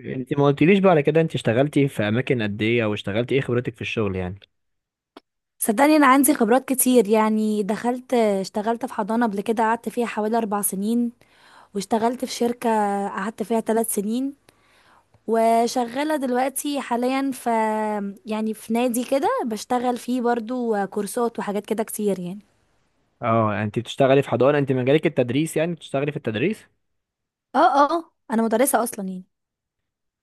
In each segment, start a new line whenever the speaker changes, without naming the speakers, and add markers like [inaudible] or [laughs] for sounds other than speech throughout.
إيه. انت ما قلتليش بقى على كده، انت اشتغلتي في اماكن قد ايه، او اشتغلتي ايه، خبرتك في الشغل يعني؟
صدقني، انا عندي خبرات كتير، يعني دخلت اشتغلت في حضانة قبل كده، قعدت فيها حوالي 4 سنين، واشتغلت في شركة قعدت فيها 3 سنين، وشغالة دلوقتي حاليا في، يعني في نادي كده بشتغل فيه برضو كورسات وحاجات كده كتير يعني.
اه انت بتشتغلي في حضانه، انت مجالك التدريس يعني، بتشتغلي في التدريس؟
اه اه، انا مدرسة اصلا يعني.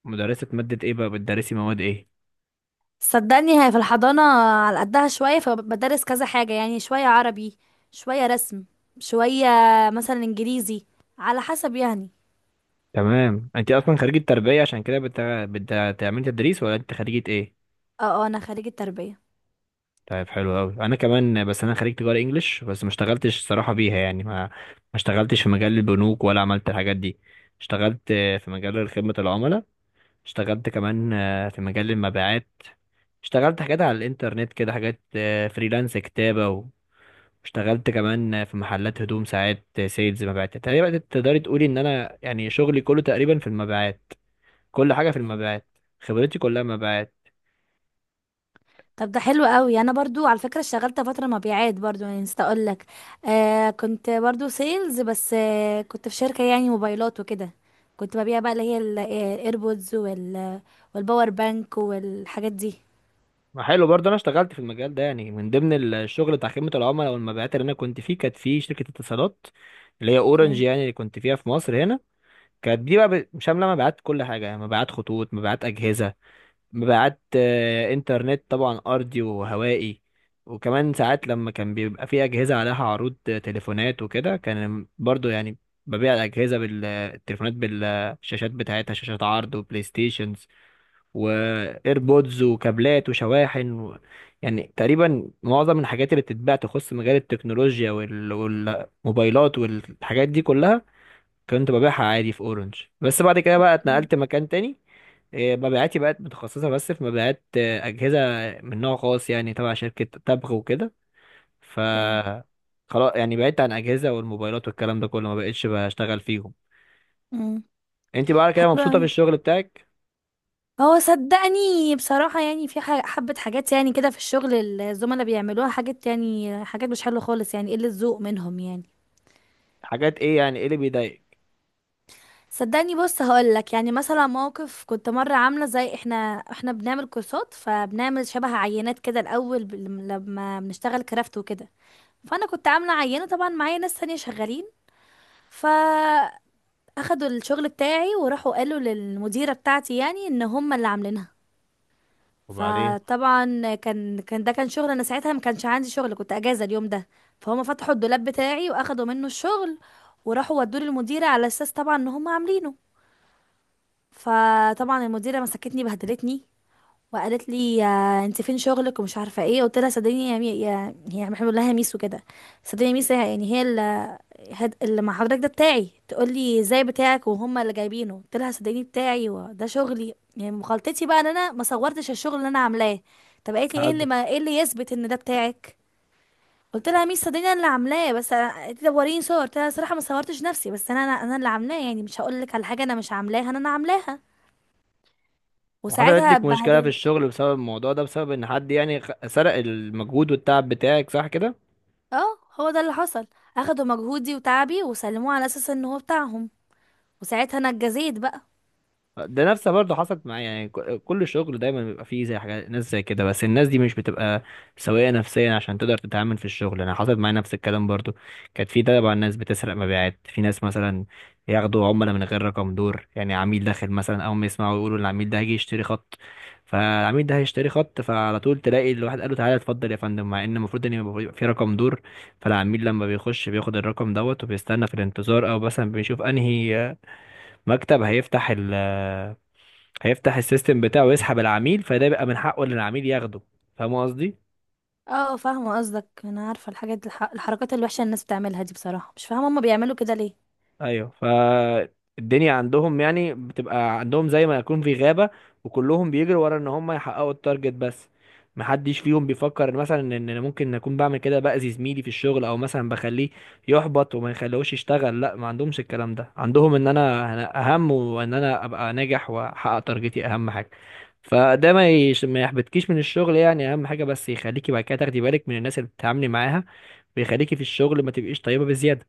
مدرسه ماده ايه بقى، بتدرسي مواد ايه؟
صدقني هي في الحضانة على قدها شوية، فبدرس كذا حاجة، يعني شوية عربي، شوية رسم، شوية مثلا انجليزي، على حسب يعني.
تمام. انت اصلا خريجه تربيه عشان كده بتعملي تدريس، ولا انت خريجه ايه؟
اه اه، انا خريجة تربية.
طيب، حلو قوي. انا كمان، بس انا خريج تجاره انجلش، بس ما اشتغلتش الصراحه بيها يعني ما اشتغلتش في مجال البنوك، ولا عملت الحاجات دي. اشتغلت في مجال خدمه العملاء. اشتغلت كمان في مجال المبيعات. اشتغلت حاجات على الانترنت كده، حاجات فريلانس كتابة. واشتغلت كمان في محلات هدوم ساعات سيلز، مبيعات. تقريبا تقدري تقولي ان انا يعني شغلي كله تقريبا في المبيعات. كل حاجة في
اوكي.
المبيعات. خبرتي كلها مبيعات.
طب ده حلو قوي، انا برضو على فكره اشتغلت فتره مبيعات برضو، يعني نسيت اقول لك. كنت برضو سيلز، بس كنت في شركه، يعني موبايلات وكده، كنت ببيع بقى اللي هي الايربودز وال، والباور بانك والحاجات دي.
ما حلو برضه. انا اشتغلت في المجال ده يعني، من ضمن الشغل بتاع خدمة العملاء والمبيعات اللي انا كنت فيه، كانت في شركة اتصالات اللي هي اورنج
اوكي
يعني، اللي كنت فيها في مصر هنا. كانت دي بقى شاملة مبيعات كل حاجة، يعني مبيعات خطوط، مبيعات أجهزة، مبيعات انترنت طبعا ارضي وهوائي. وكمان ساعات لما كان بيبقى في اجهزه عليها عروض تليفونات وكده، كان برضو يعني ببيع الاجهزه بالتليفونات، بالشاشات بتاعتها، شاشات عرض وبلاي ستيشنز وايربودز وكابلات وشواحن يعني تقريبا معظم الحاجات اللي بتتباع تخص مجال التكنولوجيا والموبايلات والحاجات دي كلها، كنت ببيعها عادي في اورنج. بس بعد كده بقى اتنقلت مكان تاني. إيه، مبيعاتي بقت متخصصة بس في مبيعات أجهزة من نوع خاص يعني، تبع شركة تبغ وكده. ف
اوكي.
خلاص يعني بعدت عن أجهزة والموبايلات والكلام ده كله، ما بقتش بشتغل فيهم.
امم
انت بقى كده
حلو
مبسوطة
قوي.
في الشغل بتاعك؟
هو صدقني بصراحه، يعني في حبه حاجات يعني كده في الشغل، الزملاء بيعملوها حاجات، يعني حاجات مش حلوه خالص، يعني قله ذوق منهم يعني.
حاجات ايه يعني، ايه اللي بيضايقك؟
صدقني بص هقولك، يعني مثلا موقف كنت مرة عاملة، زي احنا بنعمل كورسات، فبنعمل شبه عينات كده الأول، لما بنشتغل كرافت وكده. فأنا كنت عاملة عينة، طبعا معايا ناس تانية شغالين. فأخدوا الشغل بتاعي وراحوا قالوا للمديرة بتاعتي، يعني ان هم اللي عاملينها.
وبعدين؟
فطبعا كان ده كان شغل، انا ساعتها ما كانش عندي شغل، كنت اجازه اليوم ده. فهم فتحوا الدولاب بتاعي واخدوا منه الشغل، وراحوا ودوه للمديره، على اساس طبعا ان هم عاملينه. فطبعا المديره مسكتني بهدلتني، وقالت لي، انت فين شغلك ومش عارفه ايه. قلت لها، صدقيني يا يا هي بنقول لها ميس وكده. صدقيني يا ميس، يعني هي اللي اللي مع حضرتك ده بتاعي، تقول لي ازاي بتاعك وهم اللي جايبينه. قلت لها صدقيني بتاعي، وده شغلي، يعني مخالطتي بقى ان انا ما صورتش الشغل اللي انا عاملاه. طب قالت لي ايه اللي
هقدر.
ما... ايه اللي يثبت ان ده بتاعك. قلت لها يا ميس صدقيني انا اللي عاملاه، بس قالت لي طب وريني صور. قلت لها صراحه ما صورتش نفسي، بس انا انا أنا اللي عاملاه، يعني مش هقول لك على حاجه انا مش عاملاها، انا عاملاها.
وحصلت
وساعتها
لك مشكلة في
اتبهدلت.
الشغل بسبب الموضوع ده، بسبب ان حد يعني سرق المجهود والتعب بتاعك، صح كده؟
اه هو ده اللي حصل، اخدوا مجهودي وتعبي وسلموه على اساس ان هو بتاعهم، وساعتها انا اتجزيت بقى.
ده نفسها برضه حصلت معايا. يعني كل شغل دايما بيبقى فيه زي حاجات ناس زي كده، بس الناس دي مش بتبقى سوية نفسيا عشان تقدر تتعامل في الشغل. انا حصلت معايا نفس الكلام برضه. كانت في طبعا ناس بتسرق مبيعات، في ناس مثلا ياخدوا عملاء من غير رقم دور، يعني عميل داخل مثلا، اول ما يسمعوا يقولوا العميل ده هيجي يشتري خط، فالعميل ده هيشتري خط، فعلى طول تلاقي الواحد قال له تعالى اتفضل يا فندم، مع ان المفروض ان يبقى في رقم دور. فالعميل لما بيخش بياخد الرقم دوت وبيستنى في الانتظار، او مثلا بيشوف انهي مكتب هيفتح هيفتح السيستم بتاعه ويسحب العميل، فده بيبقى من حقه ان العميل ياخده. فاهم قصدي؟
اه فاهمه قصدك، انا عارفه الحاجات الحركات الوحشه اللي الناس بتعملها دي، بصراحه مش فاهمه هما بيعملوا كده ليه.
ايوه. فالدنيا عندهم يعني بتبقى عندهم زي ما يكون في غابة، وكلهم بيجروا ورا ان هم يحققوا التارجت بس. محدش فيهم بيفكر إن مثلا ان انا ممكن اكون بعمل كده، باذي زميلي في الشغل، او مثلا بخليه يحبط وما يخليهوش يشتغل. لا، ما عندهمش الكلام ده، عندهم ان انا اهم، وان انا ابقى ناجح واحقق تارجتي اهم حاجة. فده ما يحبطكيش من الشغل يعني، اهم حاجه بس يخليكي بعد كده تاخدي بالك من الناس اللي بتتعاملي معاها، ويخليكي في الشغل ما تبقيش طيبه بزياده.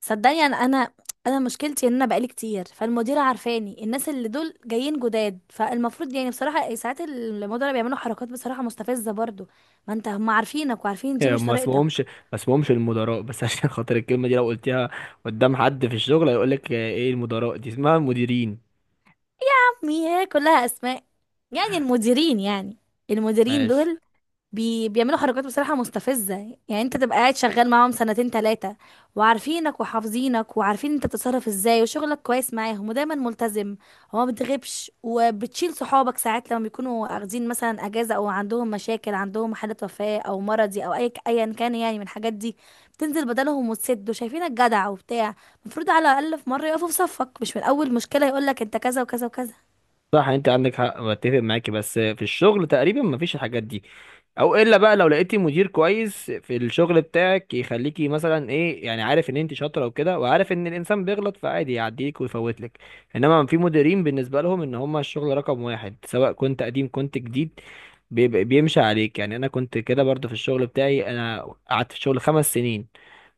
صدقني انا انا مشكلتي، ان انا بقالي كتير فالمديره عارفاني، الناس اللي دول جايين جداد، فالمفروض يعني بصراحه ساعات المديره بيعملوا حركات بصراحه مستفزه برضو، ما انت هم عارفينك وعارفين
[laughs]
دي
يعني
مش
ما
طريقتك.
اسمهمش ما اسمهمش المدراء بس. [laughs] عشان خاطر الكلمه دي لو قلتيها قدام حد في الشغل هيقول لك ايه المدراء دي، اسمها المديرين.
عمي هي كلها اسماء، يعني المديرين يعني، المديرين
ماشي.
دول بيعملوا حركات بصراحة مستفزة. يعني انت تبقى قاعد شغال معاهم سنتين تلاتة، وعارفينك وحافظينك وعارفين انت بتتصرف ازاي، وشغلك كويس معاهم، ودايما ملتزم، وما بتغيبش، وبتشيل صحابك ساعات لما بيكونوا اخذين مثلا اجازة، او عندهم مشاكل، عندهم حالة وفاة او مرضي او اي ايا كان يعني من الحاجات دي، بتنزل بدلهم وتسد، وشايفينك جدع وبتاع. المفروض على الاقل في مرة يقفوا في صفك، مش من اول مشكلة يقولك انت كذا وكذا وكذا.
صح، انت عندك حق، بتفق معاكي. بس في الشغل تقريبا ما فيش الحاجات دي، او الا بقى لو لقيتي مدير كويس في الشغل بتاعك، يخليكي مثلا ايه يعني، عارف ان انت شاطره وكده، وعارف ان الانسان بيغلط فعادي يعديك ويفوتلك. انما في مديرين بالنسبه لهم ان هم الشغل رقم واحد، سواء كنت قديم كنت جديد، بيمشي عليك. يعني انا كنت كده برضو في الشغل بتاعي. انا قعدت في الشغل خمس سنين،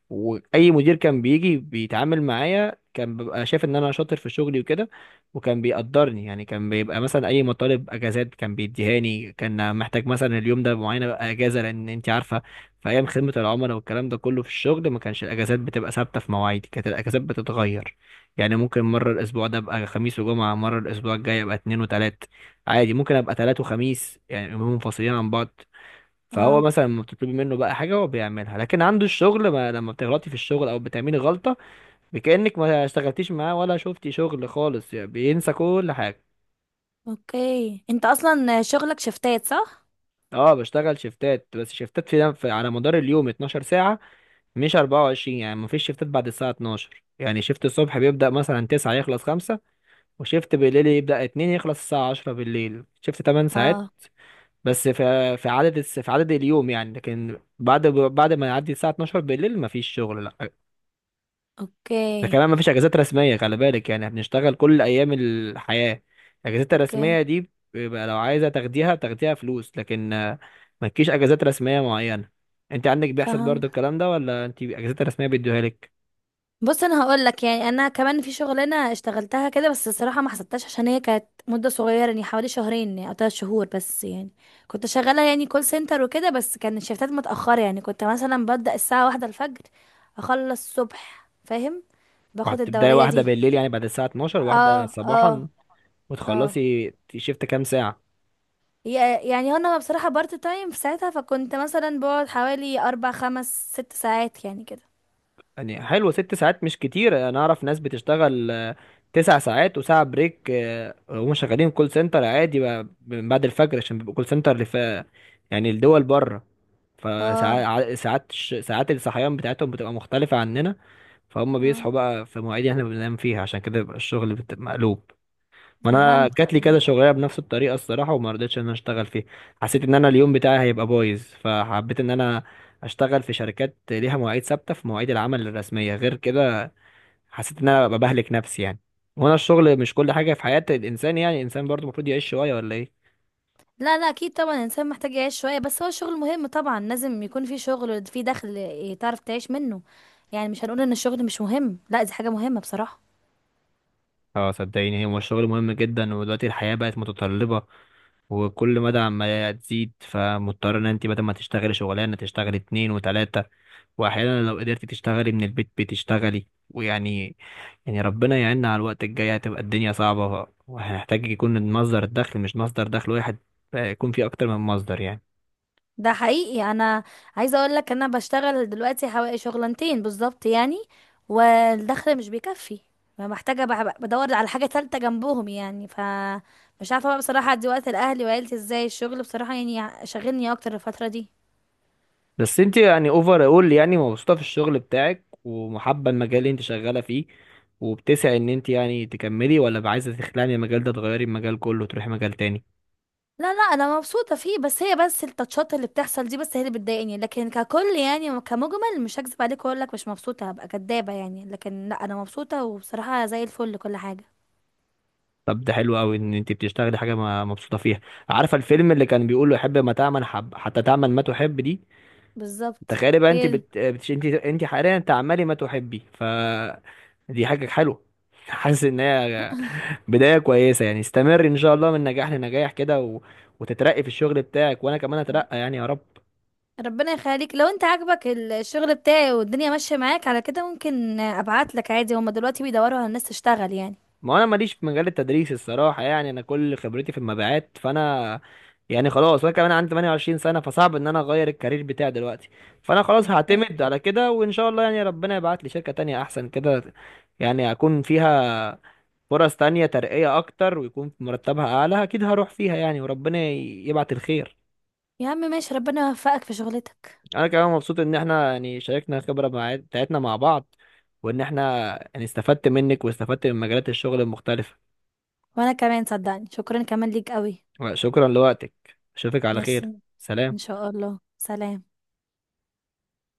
واي مدير كان بيجي بيتعامل معايا كان بيبقى شايف ان انا شاطر في شغلي وكده، وكان بيقدرني. يعني كان بيبقى مثلا اي مطالب اجازات كان بيديهاني، كان محتاج مثلا اليوم ده معينه بقى اجازه، لان انت عارفه في ايام خدمه العملاء والكلام ده كله في الشغل، ما كانش الاجازات بتبقى ثابته في مواعيدي، كانت الاجازات بتتغير. يعني ممكن مره الاسبوع ده ابقى خميس وجمعه، مره الاسبوع الجاي ابقى اتنين وتلات، عادي، ممكن ابقى تلات وخميس، يعني يومين منفصلين عن بعض. فهو
اه.
مثلا لما بتطلبي منه بقى حاجه هو بيعملها، لكن عنده الشغل، ما لما بتغلطي في الشغل او بتعملي غلطه، بكأنك ما اشتغلتيش معاه ولا شفتي شغل خالص، يعني بينسى كل حاجه.
اوكي، انت اصلا شغلك شفتات صح؟
اه، بشتغل شيفتات. بس شيفتات على مدار اليوم 12 ساعه، مش 24، يعني ما فيش شيفتات بعد الساعه 12. يعني شيفت الصبح بيبدأ مثلا 9 يخلص 5، وشيفت بالليل يبدأ 2 يخلص الساعه 10 بالليل، شيفت 8 ساعات.
اه.
بس في عدد في عدد اليوم يعني. لكن بعد ما يعدي الساعه 12 بالليل ما فيش شغل. ده
اوكي
كمان مفيش اجازات رسميه، خلي بالك، يعني بنشتغل كل ايام الحياه. الاجازات
اوكي.
الرسميه دي بيبقى لو عايزه تاخديها بتاخديها فلوس، لكن مالكيش اجازات رسميه معينه. انت عندك بيحصل
فهم.
برضو الكلام ده، ولا انت اجازات رسميه بيدوها لك؟
بص انا هقول لك، يعني انا كمان في شغلانه اشتغلتها كده، بس الصراحه ما حسبتهاش عشان هي كانت مده صغيره يعني، حوالي شهرين يعني، او 3 شهور بس يعني، كنت شغاله يعني كول سنتر وكده، بس كان الشيفتات متاخره، يعني كنت مثلا ببدا الساعه واحدة الفجر، اخلص الصبح فاهم، باخد
وهتبداي
الدوريه
واحده
دي.
بالليل، يعني بعد الساعه 12
اه.
واحده
اه.
صباحا،
اه.
وتخلصي شيفت كام ساعه؟
يعني انا بصراحه بارت تايم في ساعتها، فكنت مثلا بقعد حوالي اربع خمس ست ساعات يعني كده.
يعني حلوة، ست ساعات مش كتير. انا اعرف ناس بتشتغل تسع ساعات وساعة بريك وهم شغالين كول سنتر عادي بقى من بعد الفجر، عشان بيبقوا كول سنتر اللي في يعني الدول بره.
اه.
فساعات ساعات الصحيان بتاعتهم بتبقى مختلفة عننا. فهم
اه.
بيصحوا بقى في مواعيد يعني احنا بننام فيها، عشان كده بيبقى الشغل مقلوب. ما انا
فهمت.
جات لي كذا شغلانه بنفس الطريقه الصراحه، وما رضيتش ان انا اشتغل فيها. حسيت ان انا اليوم بتاعي هيبقى بايظ، فحبيت ان انا اشتغل في شركات ليها مواعيد ثابته في مواعيد العمل الرسميه غير كده. حسيت ان انا ببقى بهلك نفسي يعني. وانا الشغل مش كل حاجه في حياه الانسان يعني، الانسان برضو المفروض يعيش شويه، ولا ايه؟
لا لا اكيد طبعا، الانسان محتاج يعيش شويه، بس هو الشغل مهم طبعا، لازم يكون في شغل، في دخل إيه، تعرف تعيش منه، يعني مش هنقول ان الشغل مش مهم، لا دي حاجه مهمه بصراحه.
اه، صدقيني، هو الشغل مهم جدا. ودلوقتي الحياه بقت متطلبه، وكل مدى عمالة تزيد، فمضطر ان انت بدل ما تشتغلي شغلانه تشتغلي اتنين وتلاته، واحيانا لو قدرتي تشتغلي من البيت بتشتغلي ويعني، يعني ربنا يعيننا على الوقت الجاي، هتبقى الدنيا صعبة وهنحتاج يكون مصدر الدخل مش مصدر دخل واحد، يكون فيه أكتر من مصدر يعني.
ده حقيقي، انا عايزه اقول لك انا بشتغل دلوقتي حوالي شغلانتين بالظبط يعني، والدخل مش بيكفي، فمحتاجه بدور على حاجه تالتة جنبهم يعني ف، مش عارفه بقى بصراحه ادي وقت لاهلي وعيلتي ازاي، الشغل بصراحه يعني شاغلني اكتر الفتره دي.
بس أنت يعني، أوفر أول، يعني مبسوطة في الشغل بتاعك ومحبة المجال اللي أنت شغالة فيه، وبتسعي إن أنت يعني تكملي، ولا عايزة تخلعي من المجال ده، تغيري المجال كله وتروحي مجال تاني؟
لا لا انا مبسوطه فيه، بس هي بس التاتشات اللي بتحصل دي بس هي اللي بتضايقني، لكن ككل يعني كمجمل مش هكذب عليك واقول لك مش مبسوطه هبقى كدابه يعني، لكن لا انا مبسوطه وبصراحه زي الفل كل حاجه.
طب، ده حلو أوي إن أنت بتشتغلي حاجة مبسوطة فيها. عارفة الفيلم اللي كان بيقول له حب ما تعمل، حب حتى تعمل ما تحب دي؟
بالظبط.
تخيلي بقى انت
هي.
بت... بتش... انت انت حاليا تعملي ما تحبي. دي حاجة حلوة. [laughs] حاسس ان هي بداية كويسة. يعني استمر ان شاء الله من نجاح لنجاح كده وتترقي في الشغل بتاعك، وانا كمان اترقى يعني يا رب.
ربنا يخليك، لو انت عاجبك الشغل بتاعي والدنيا ماشيه معاك على كده ممكن ابعت لك عادي، هما دلوقتي بيدوروا على الناس تشتغل يعني.
ما انا ماليش في مجال التدريس الصراحة يعني، انا كل خبرتي في المبيعات. فانا يعني خلاص. وانا كمان عندي 28 سنة فصعب ان انا اغير الكارير بتاعي دلوقتي. فانا خلاص هعتمد على كده، وان شاء الله يعني ربنا يبعت لي شركة تانية احسن كده، يعني اكون فيها فرص تانية، ترقية أكتر ويكون مرتبها أعلى، أكيد هروح فيها يعني. وربنا يبعت الخير.
يا عم ماشي، ربنا يوفقك في شغلتك.
أنا كمان مبسوط إن إحنا يعني شاركنا الخبرة بتاعتنا مع بعض، وإن إحنا يعني استفدت منك واستفدت من مجالات الشغل المختلفة.
وانا كمان صدقني، شكرا كمان ليك قوي.
شكرا لوقتك. أشوفك على خير.
ميرسي. ان
سلام.
شاء الله، سلام.